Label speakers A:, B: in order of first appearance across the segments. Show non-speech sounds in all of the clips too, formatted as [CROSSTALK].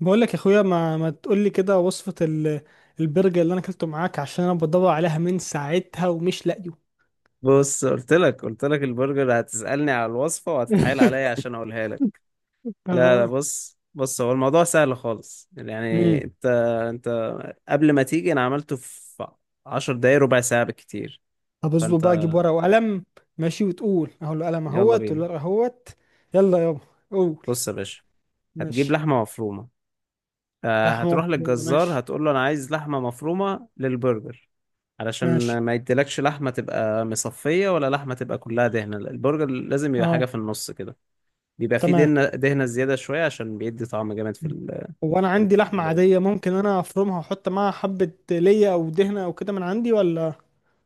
A: بقول لك يا اخويا، ما تقول لي كده وصفة البرجر اللي انا اكلته معاك عشان انا بدور عليها من ساعتها ومش لاقيه.
B: بص قلت لك البرجر هتسألني على الوصفة وهتتحايل عليا
A: [LAUGHS]
B: عشان اقولها لك. لا لا،
A: اه.
B: بص بص، هو الموضوع سهل خالص.
A: امم
B: يعني انت قبل ما تيجي انا عملته في 10 دقايق، ربع ساعة بالكتير.
A: طب اصبر
B: فانت
A: بقى اجيب ورقة وقلم. ماشي، وتقول اهو القلم
B: يلا
A: اهوت
B: بينا.
A: والورقة اهوت. يلا يابا. قول.
B: بص يا باشا، هتجيب
A: ماشي.
B: لحمة مفرومة.
A: لحمة
B: هتروح
A: مفرومة،
B: للجزار
A: ماشي.
B: هتقول له انا عايز لحمة مفرومة للبرجر. علشان
A: ماشي.
B: ما يديلكش لحمة تبقى مصفية، ولا لحمة تبقى كلها دهنة. البرجر لازم يبقى
A: اه.
B: حاجة في النص كده. بيبقى فيه
A: تمام.
B: دهنة دهنة زيادة شوية عشان بيدي طعم جامد
A: هو انا عندي
B: في
A: لحمة
B: اللوت.
A: عادية، ممكن انا افرمها واحط معاها حبة ليا او دهنة او كده من عندي، ولا؟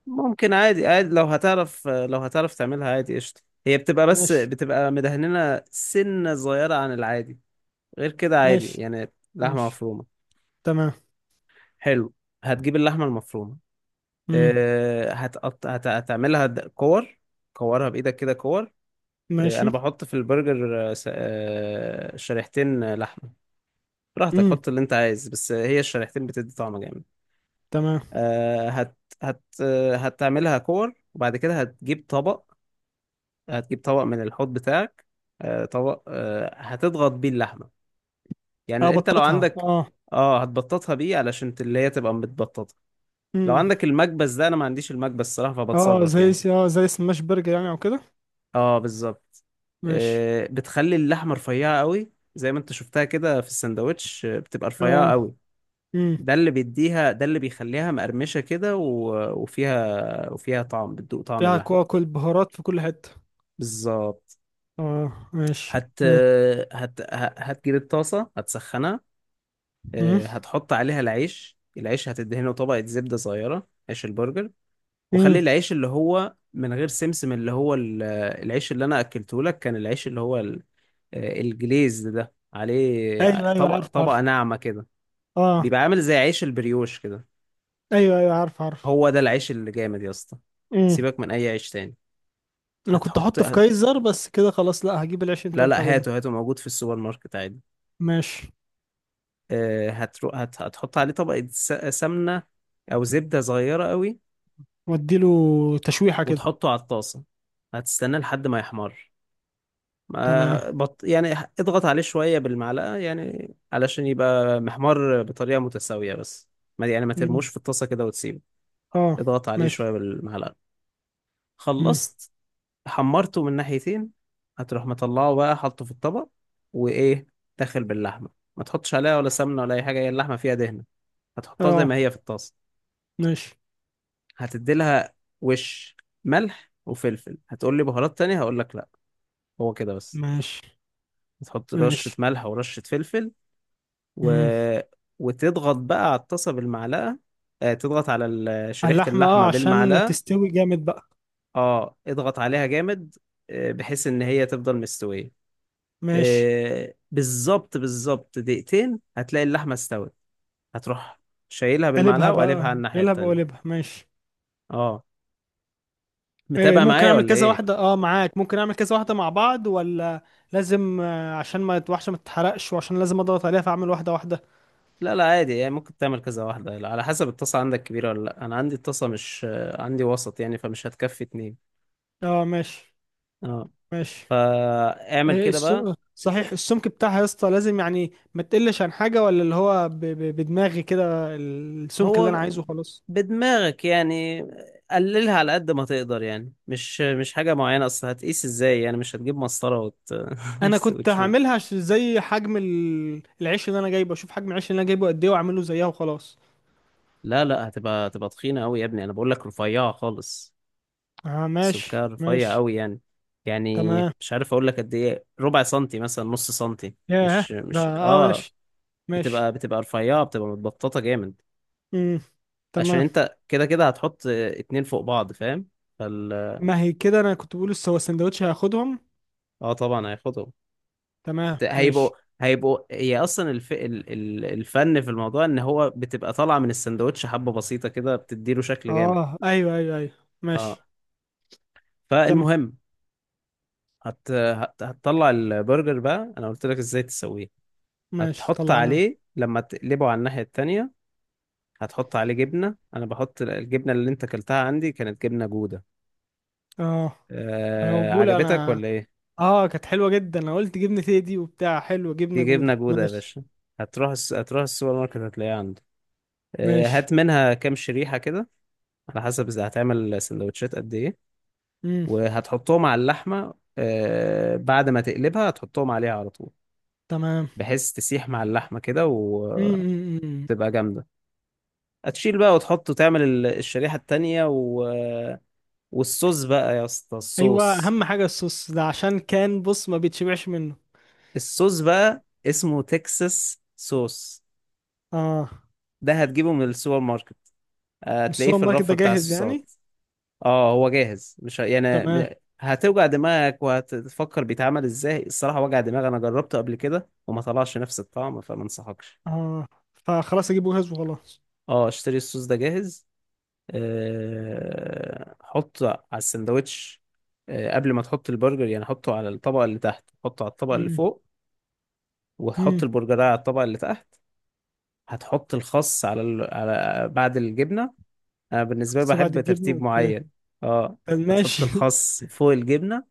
B: ممكن عادي عادي، لو هتعرف تعملها عادي، قشطة. هي بتبقى، بس
A: ماشي.
B: بتبقى مدهننة سنة صغيرة عن العادي. غير كده عادي،
A: ماشي.
B: يعني لحمة
A: ماشي.
B: مفرومة.
A: تمام.
B: حلو، هتجيب اللحمة المفرومة.
A: امم.
B: أه هتقط... هت... هتعملها د- كور كورها بإيدك كده، كور.
A: ماشي.
B: أنا بحط في البرجر أه س- آه، شريحتين لحمة. براحتك،
A: امم.
B: حط اللي أنت عايز، بس هي الشريحتين بتدي طعم جامد.
A: تمام.
B: آه، هت هت آه، هتعملها كور، وبعد كده هتجيب طبق. هتجيب طبق من الحوض بتاعك. طبق، هتضغط بيه اللحمة.
A: اه،
B: يعني انت لو
A: بطاطها،
B: عندك،
A: اه.
B: اه، هتبططها بيه علشان اللي هي تبقى متبططة. لو
A: امم.
B: عندك المكبس ده، انا ما عنديش المكبس الصراحة،
A: اه
B: فبتصرف
A: زي
B: يعني.
A: سماش برجر يعني، او كده.
B: اه، بالظبط.
A: ماشي.
B: بتخلي اللحمة رفيعة قوي زي ما انت شفتها كده في السندوتش، بتبقى رفيعة
A: اه.
B: قوي.
A: امم.
B: ده اللي بيديها، ده اللي بيخليها مقرمشة كده، وفيها طعم، بتدوق طعم
A: فيها
B: اللحمة.
A: كواكل بهارات في كل حتة.
B: بالظبط.
A: اه ماشي،
B: هت
A: ها.
B: هت ه- هتجيب الطاسة، هتسخنها.
A: امم،
B: هتحط عليها العيش هتدهنه طبقة زبدة صغيرة، عيش البرجر. وخلي
A: امم،
B: العيش اللي هو من غير سمسم، اللي هو العيش اللي أنا أكلته لك، كان العيش اللي هو الجليز ده عليه
A: ايوه ايوه،
B: طبقة،
A: عارف
B: طبقة
A: عارف.
B: ناعمة كده.
A: اه،
B: بيبقى عامل زي عيش البريوش كده.
A: ايوه ايوه، عارف عارف.
B: هو ده العيش اللي جامد يا اسطى،
A: امم.
B: سيبك من أي عيش تاني.
A: انا كنت
B: هتحط
A: احطه في كايزر، بس كده خلاص، لا هجيب العيش اللي انت
B: لا
A: قلت
B: لا،
A: عليه ده.
B: هاته هاته موجود في السوبر ماركت عادي.
A: ماشي،
B: هتحط عليه طبقة سمنة، أو زبدة صغيرة قوي.
A: واديله تشويحة كده.
B: وتحطه على الطاسة، هتستناه لحد ما يحمر.
A: تمام.
B: يعني اضغط عليه شوية بالمعلقة، يعني علشان يبقى محمر بطريقة متساوية بس. ما يعني ما
A: امم.
B: ترموش في الطاسة كده وتسيبه.
A: اه.
B: اضغط عليه
A: ماشي.
B: شوية بالمعلقة.
A: امم.
B: خلصت، حمرته من ناحيتين. هتروح مطلعه بقى، حاطه في الطبق. وإيه، داخل باللحمة. ما تحطش عليها ولا سمنة ولا أي حاجة، هي اللحمة فيها دهنة. هتحطها زي
A: اه.
B: ما هي في الطاسة.
A: ماشي.
B: هتدي لها وش ملح وفلفل. هتقول لي بهارات تانية؟ هقول لك لا، هو كده بس.
A: ماشي.
B: هتحط رشة
A: ماشي.
B: ملح ورشة فلفل و...
A: امم.
B: وتضغط بقى على الطاسة بالمعلقة. تضغط على شريحة
A: اللحمة، اه،
B: اللحمة
A: عشان
B: بالمعلقة.
A: تستوي جامد بقى.
B: اه، اضغط عليها جامد. بحيث ان هي تفضل مستوية.
A: ماشي،
B: بالظبط بالظبط، دقيقتين هتلاقي اللحمة استوت. هتروح شايلها
A: قلبها
B: بالمعلقة وقلبها
A: بقى،
B: على الناحية
A: قلبها
B: التانية.
A: بقلبها ماشي.
B: اه،
A: إيه،
B: متابع
A: ممكن
B: معايا
A: اعمل
B: ولا
A: كذا
B: ايه؟
A: واحدة، اه، معاك؟ ممكن اعمل كذا واحدة مع بعض، ولا لازم عشان ما الوحشة ما تتحرقش وعشان لازم اضغط عليها فاعمل واحدة واحدة؟
B: لا لا، عادي يعني، ممكن تعمل كذا واحدة على حسب. الطاسة عندك كبيرة ولا لأ؟ أنا عندي الطاسة مش عندي، وسط يعني، فمش هتكفي اتنين.
A: اه ماشي.
B: اه،
A: ماشي.
B: فاعمل
A: إيه
B: كده بقى.
A: صحيح السمك بتاعها يا اسطى؟ لازم يعني ما تقلش عن حاجة، ولا اللي هو بدماغي كده السمك اللي انا
B: هو
A: عايزه خلاص؟
B: بدماغك يعني. قللها على قد ما تقدر يعني، مش حاجة معينة. أصل هتقيس ازاي؟ يعني مش هتجيب مسطرة
A: انا
B: [LAUGHS]
A: كنت
B: وتشوف.
A: هعملها زي حجم العيش اللي انا جايبه، اشوف حجم العيش اللي انا جايبه قد ايه واعمله زيها وخلاص.
B: لا لا، هتبقى تخينة أوي يا ابني، أنا بقول لك رفيعة خالص.
A: اه
B: السمكة
A: ماشي.
B: رفيع
A: ماشي.
B: أوي يعني
A: تمام.
B: مش عارف أقول لك قد إيه، ربع سنتي مثلا، نص سنتي.
A: ياه،
B: مش
A: ده،
B: مش
A: اه،
B: اه
A: ماشي.
B: بتبقى
A: ماشي.
B: بتبقى رفيعة، بتبقى متبططة جامد.
A: امم.
B: عشان
A: تمام.
B: انت كده كده هتحط اتنين فوق بعض، فاهم؟ فال
A: ما هي كده، انا كنت بقول هو السندوتش هياخدهم.
B: اه طبعا هياخدهم.
A: تمام
B: بت- هيبقوا
A: ماشي.
B: هيبقوا هي اصلا الفن في الموضوع ان هو بتبقى طالعة من السندوتش حبة بسيطة كده بتديله شكل جامد.
A: اه، ايوه ايوه ايوه.
B: اه،
A: ماشي. كم.
B: فالمهم، هتطلع البرجر بقى، انا قلت لك ازاي تسويه.
A: ماشي
B: هتحط
A: طلعنا.
B: عليه لما تقلبه على الناحية التانية، هتحط عليه جبنة. انا بحط الجبنة، اللي انت اكلتها عندي كانت جبنة جودة.
A: اه. انا بقول
B: عجبتك
A: انا.
B: ولا ايه؟
A: اه، كانت حلوه جدا، انا قلت جبنه تيدي وبتاع حلوه، جبنه
B: دي جبنة
A: جوده،
B: جودة يا
A: ماشي.
B: باشا. هتروح السوبر ماركت هتلاقيها عنده.
A: ماشي.
B: هات منها كام شريحة كده، على حسب إذا هتعمل سندوتشات قد إيه.
A: امم.
B: وهتحطهم على اللحمة، بعد ما تقلبها هتحطهم عليها على طول.
A: تمام.
B: بحيث تسيح مع اللحمة كده وتبقى
A: امم.
B: جامدة. هتشيل بقى، وتحط وتعمل الشريحة التانية والصوص بقى يا اسطى،
A: ايوه،
B: الصوص
A: اهم حاجه الصوص ده عشان كان، بص، ما بيتشبعش منه.
B: الصوص بقى اسمه تكساس صوص.
A: اه.
B: ده هتجيبه من السوبر ماركت،
A: مش
B: هتلاقيه
A: السوبر
B: في
A: ماركت
B: الرف
A: ده
B: بتاع
A: جاهز يعني؟
B: الصوصات. اه، هو جاهز، مش ه- يعني
A: تمام.
B: م- هتوجع دماغك وهتفكر بيتعمل ازاي الصراحة، وجع دماغ، انا جربته قبل كده وما طلعش نفس الطعم فما انصحكش.
A: اه، فخلاص اجيبه جاهز وخلاص.
B: اه، اشتري الصوص ده جاهز. حطه على السندوتش، قبل ما تحط البرجر يعني، حطه على الطبقة اللي تحت، حطه على الطبقة اللي فوق. وتحط
A: امم.
B: البرجرايه على الطبقة اللي تحت. هتحط الخس على بعد الجبنة. انا بالنسبة لي
A: بس بعد
B: بحب
A: الجبنة؟
B: ترتيب
A: اوكي،
B: معين. اه،
A: طب
B: هتحط
A: ماشي. [LAUGHS]
B: الخس فوق الجبنة.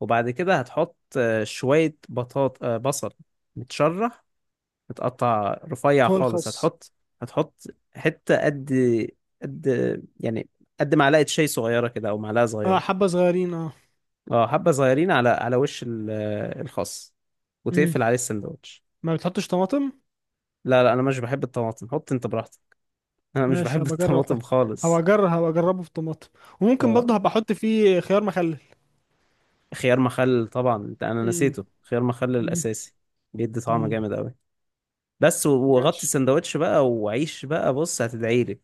B: وبعد كده هتحط شوية بطاط، بصل متشرح، متقطع رفيع
A: فوق
B: خالص.
A: الخس.
B: هتحط حتة قد يعني قد معلقة شاي صغيرة كده، أو معلقة
A: اه،
B: صغيرة.
A: حبة صغيرين، اه.
B: اه، حبة صغيرين على وش الخس،
A: امم.
B: وتقفل عليه السندوتش.
A: ما بتحطش طماطم؟
B: لا لا، أنا مش بحب الطماطم، حط أنت براحتك. [LAUGHS] أنا مش
A: ماشي،
B: بحب [LAUGHS]
A: هبقى اجرب
B: الطماطم
A: احط.
B: خالص.
A: هبقى اجربه في طماطم. وممكن
B: اه،
A: برضه هبقى احط فيه خيار مخلل.
B: خيار مخلل طبعا. أنا
A: امم.
B: نسيته، خيار مخلل
A: امم.
B: الأساسي، بيدي طعم
A: امم.
B: جامد أوي. بس. وغطي
A: ماشي.
B: السندوتش بقى وعيش بقى. بص هتدعي لي،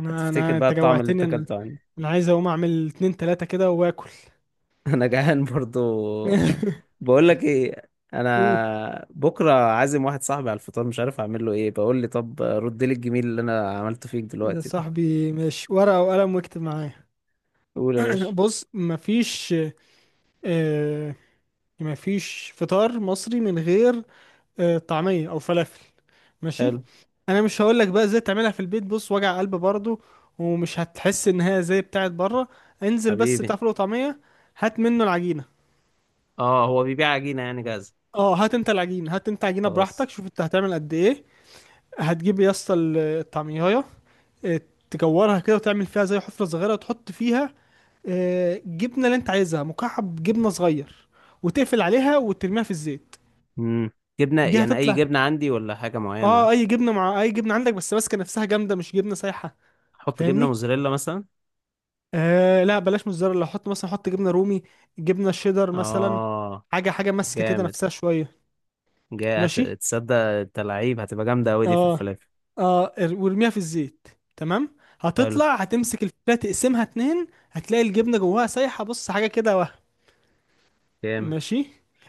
A: انا
B: هتفتكر
A: انا
B: بقى
A: انت
B: الطعم اللي انت
A: جوعتني انا.
B: اكلته عندي.
A: انا عايز اقوم اعمل اتنين تلاتة كده واكل.
B: [LAUGHS] انا جعان برضو.
A: [LAUGHS]
B: بقول لك ايه،
A: اوه،
B: انا بكره عازم واحد صاحبي على الفطار، مش عارف اعمل له ايه. بقول لي طب رد لي الجميل اللي انا عملته فيك
A: يا
B: دلوقتي ده.
A: صاحبي ماشي، ورقة وقلم، واكتب معايا.
B: قول
A: [LAUGHS]
B: يا
A: [CLEARS THROAT]
B: باشا.
A: بص، مفيش، آه، مفيش فطار مصري من غير طعمية او فلافل. ماشي.
B: حلو.
A: انا مش هقولك بقى ازاي تعملها في البيت، بص، وجع قلب برضو، ومش هتحس ان هي زي بتاعت بره. انزل بس
B: حبيبي،
A: بتاع فول وطعمية، هات منه العجينة.
B: اه، هو بيبيع عجينه يعني جاهزه؟
A: اه، هات انت عجينة،
B: خلاص.
A: براحتك، شوف انت هتعمل قد ايه. هتجيب يا اسطى الطعمية، آه، تكورها كده وتعمل فيها زي حفرة صغيرة وتحط فيها جبنة اللي انت عايزها، مكعب جبنة صغير، وتقفل عليها وترميها في الزيت.
B: امم جبنه
A: دي
B: يعني اي
A: هتطلع.
B: جبنه عندي، ولا حاجه معينه؟
A: اه، اي جبنة، مع اي جبنة عندك، بس ماسكة نفسها جامدة، مش جبنة سايحة.
B: احط جبنه
A: فاهمني؟
B: موزاريلا مثلا؟
A: آه لا، بلاش موتزاريلا، حط مثلا، حط جبنه رومي، جبنه شيدر مثلا.
B: اه.
A: حاجه حاجه ماسكه كده
B: جامد.
A: نفسها شويه.
B: جاي
A: ماشي.
B: تصدق انت لعيب، هتبقى جامدة أوي دي في
A: اه،
B: الفلافل.
A: اه، وارميها في الزيت. تمام،
B: حلو.
A: هتطلع، هتمسك الفتة تقسمها اتنين، هتلاقي الجبنة جواها سايحة، بص حاجة كده وهم.
B: جامد.
A: ماشي.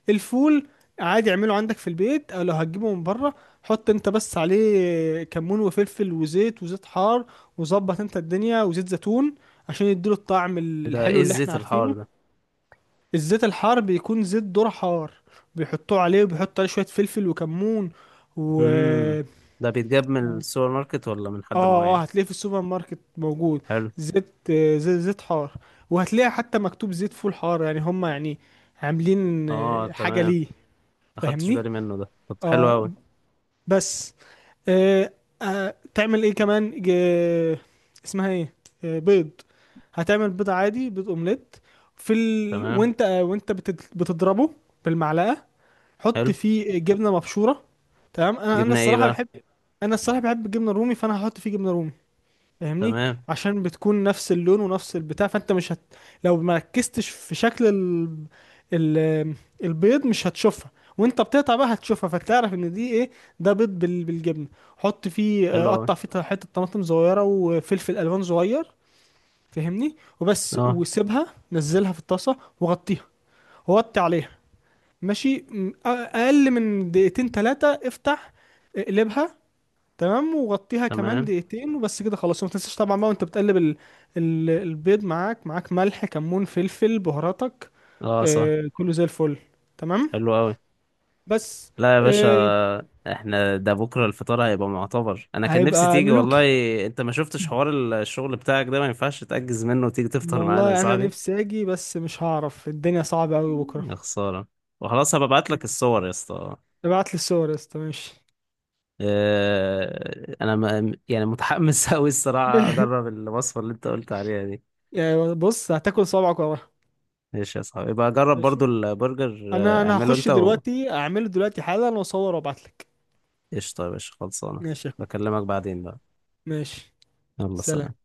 A: الفول، عادي اعمله عندك في البيت، او لو هتجيبه من بره، حط انت بس عليه كمون وفلفل وزيت، وزيت حار، وظبط انت الدنيا، وزيت زيتون، عشان يديله الطعم
B: ده ايه
A: الحلو اللي احنا
B: الزيت الحار
A: عارفينه.
B: ده؟
A: الزيت الحار بيكون زيت ذرة حار، بيحطوه عليه، وبيحطوا عليه شوية فلفل وكمون و...
B: امم ده بيتجاب من السوبر ماركت ولا من حد
A: اه، اه،
B: معين؟
A: هتلاقيه في السوبر ماركت موجود.
B: حلو.
A: زيت حار. وهتلاقي حتى مكتوب زيت فول حار، يعني هم يعني عاملين
B: اه،
A: حاجة
B: تمام.
A: ليه.
B: ما خدتش
A: فاهمني
B: بالي منه ده، طب حلو
A: اه.
B: أوي.
A: بس. آه. آه، تعمل ايه كمان، اسمها ايه، آه، بيض؟ هتعمل بيض عادي، بيض اومليت،
B: تمام.
A: وانت وانت بتضربه بالمعلقة، حط
B: حلو،
A: فيه جبنه مبشوره. تمام. انا
B: جبنا ايه
A: الصراحه
B: بقى؟
A: بحب، انا الصراحه بحب الجبنه الرومي، فانا هحط فيه جبنه رومي. فاهمني؟
B: تمام.
A: عشان بتكون نفس اللون ونفس البتاع، فانت مش هت... لو ما ركزتش في شكل ال... البيض، مش هتشوفها، وانت بتقطع بقى هتشوفها فتعرف ان دي ايه، ده بيض بالجبنه. حط فيه آه،
B: حلو أوي.
A: قطع فيه حته طماطم صغيره وفلفل الوان صغير. فاهمني؟ وبس،
B: اه،
A: وسيبها نزلها في الطاسه وغطيها، وغطي عليها ماشي، اقل من دقيقتين ثلاثه افتح، اقلبها. تمام، وغطيها كمان
B: تمام.
A: دقيقتين وبس كده خلاص. وما تنساش طبعا بقى وانت بتقلب البيض، معاك ملح كمون فلفل بهاراتك،
B: اه، صح.
A: آه، كله زي الفل. تمام.
B: حلو أوي.
A: بس.
B: لا يا باشا.
A: آه.
B: احنا ده بكرة الفطار هيبقى معتبر، انا كان نفسي
A: هيبقى
B: تيجي والله.
A: ملوكي.
B: انت ما شفتش حوار؟ الشغل بتاعك ده ما ينفعش تأجز منه وتيجي تفطر معانا يا
A: والله انا
B: صاحبي.
A: نفسي اجي، بس مش هعرف، الدنيا صعبه قوي بكره.
B: يا خسارة. وخلاص، هبعت لك الصور يا اسطى.
A: ابعت لي الصور يا اسطى، ماشي.
B: انا يعني متحمس [LAUGHS] قوي الصراحة اجرب
A: [LAUGHS]
B: الوصفة اللي انت قلت عليها دي.
A: يعني بص، هتاكل صبعك وراها.
B: ماشي يا صاحبي، يبقى جرب برضو
A: ماشي،
B: البرجر،
A: انا انا
B: اعمله
A: هخش
B: انت.
A: دلوقتي اعمله دلوقتي حالا واصور وابعتلك.
B: وقشطة يا باشا، خلصانة.
A: ماشي يا اخويا.
B: بكلمك بعدين بقى.
A: ماشي،
B: يلا
A: سلام.
B: سلام.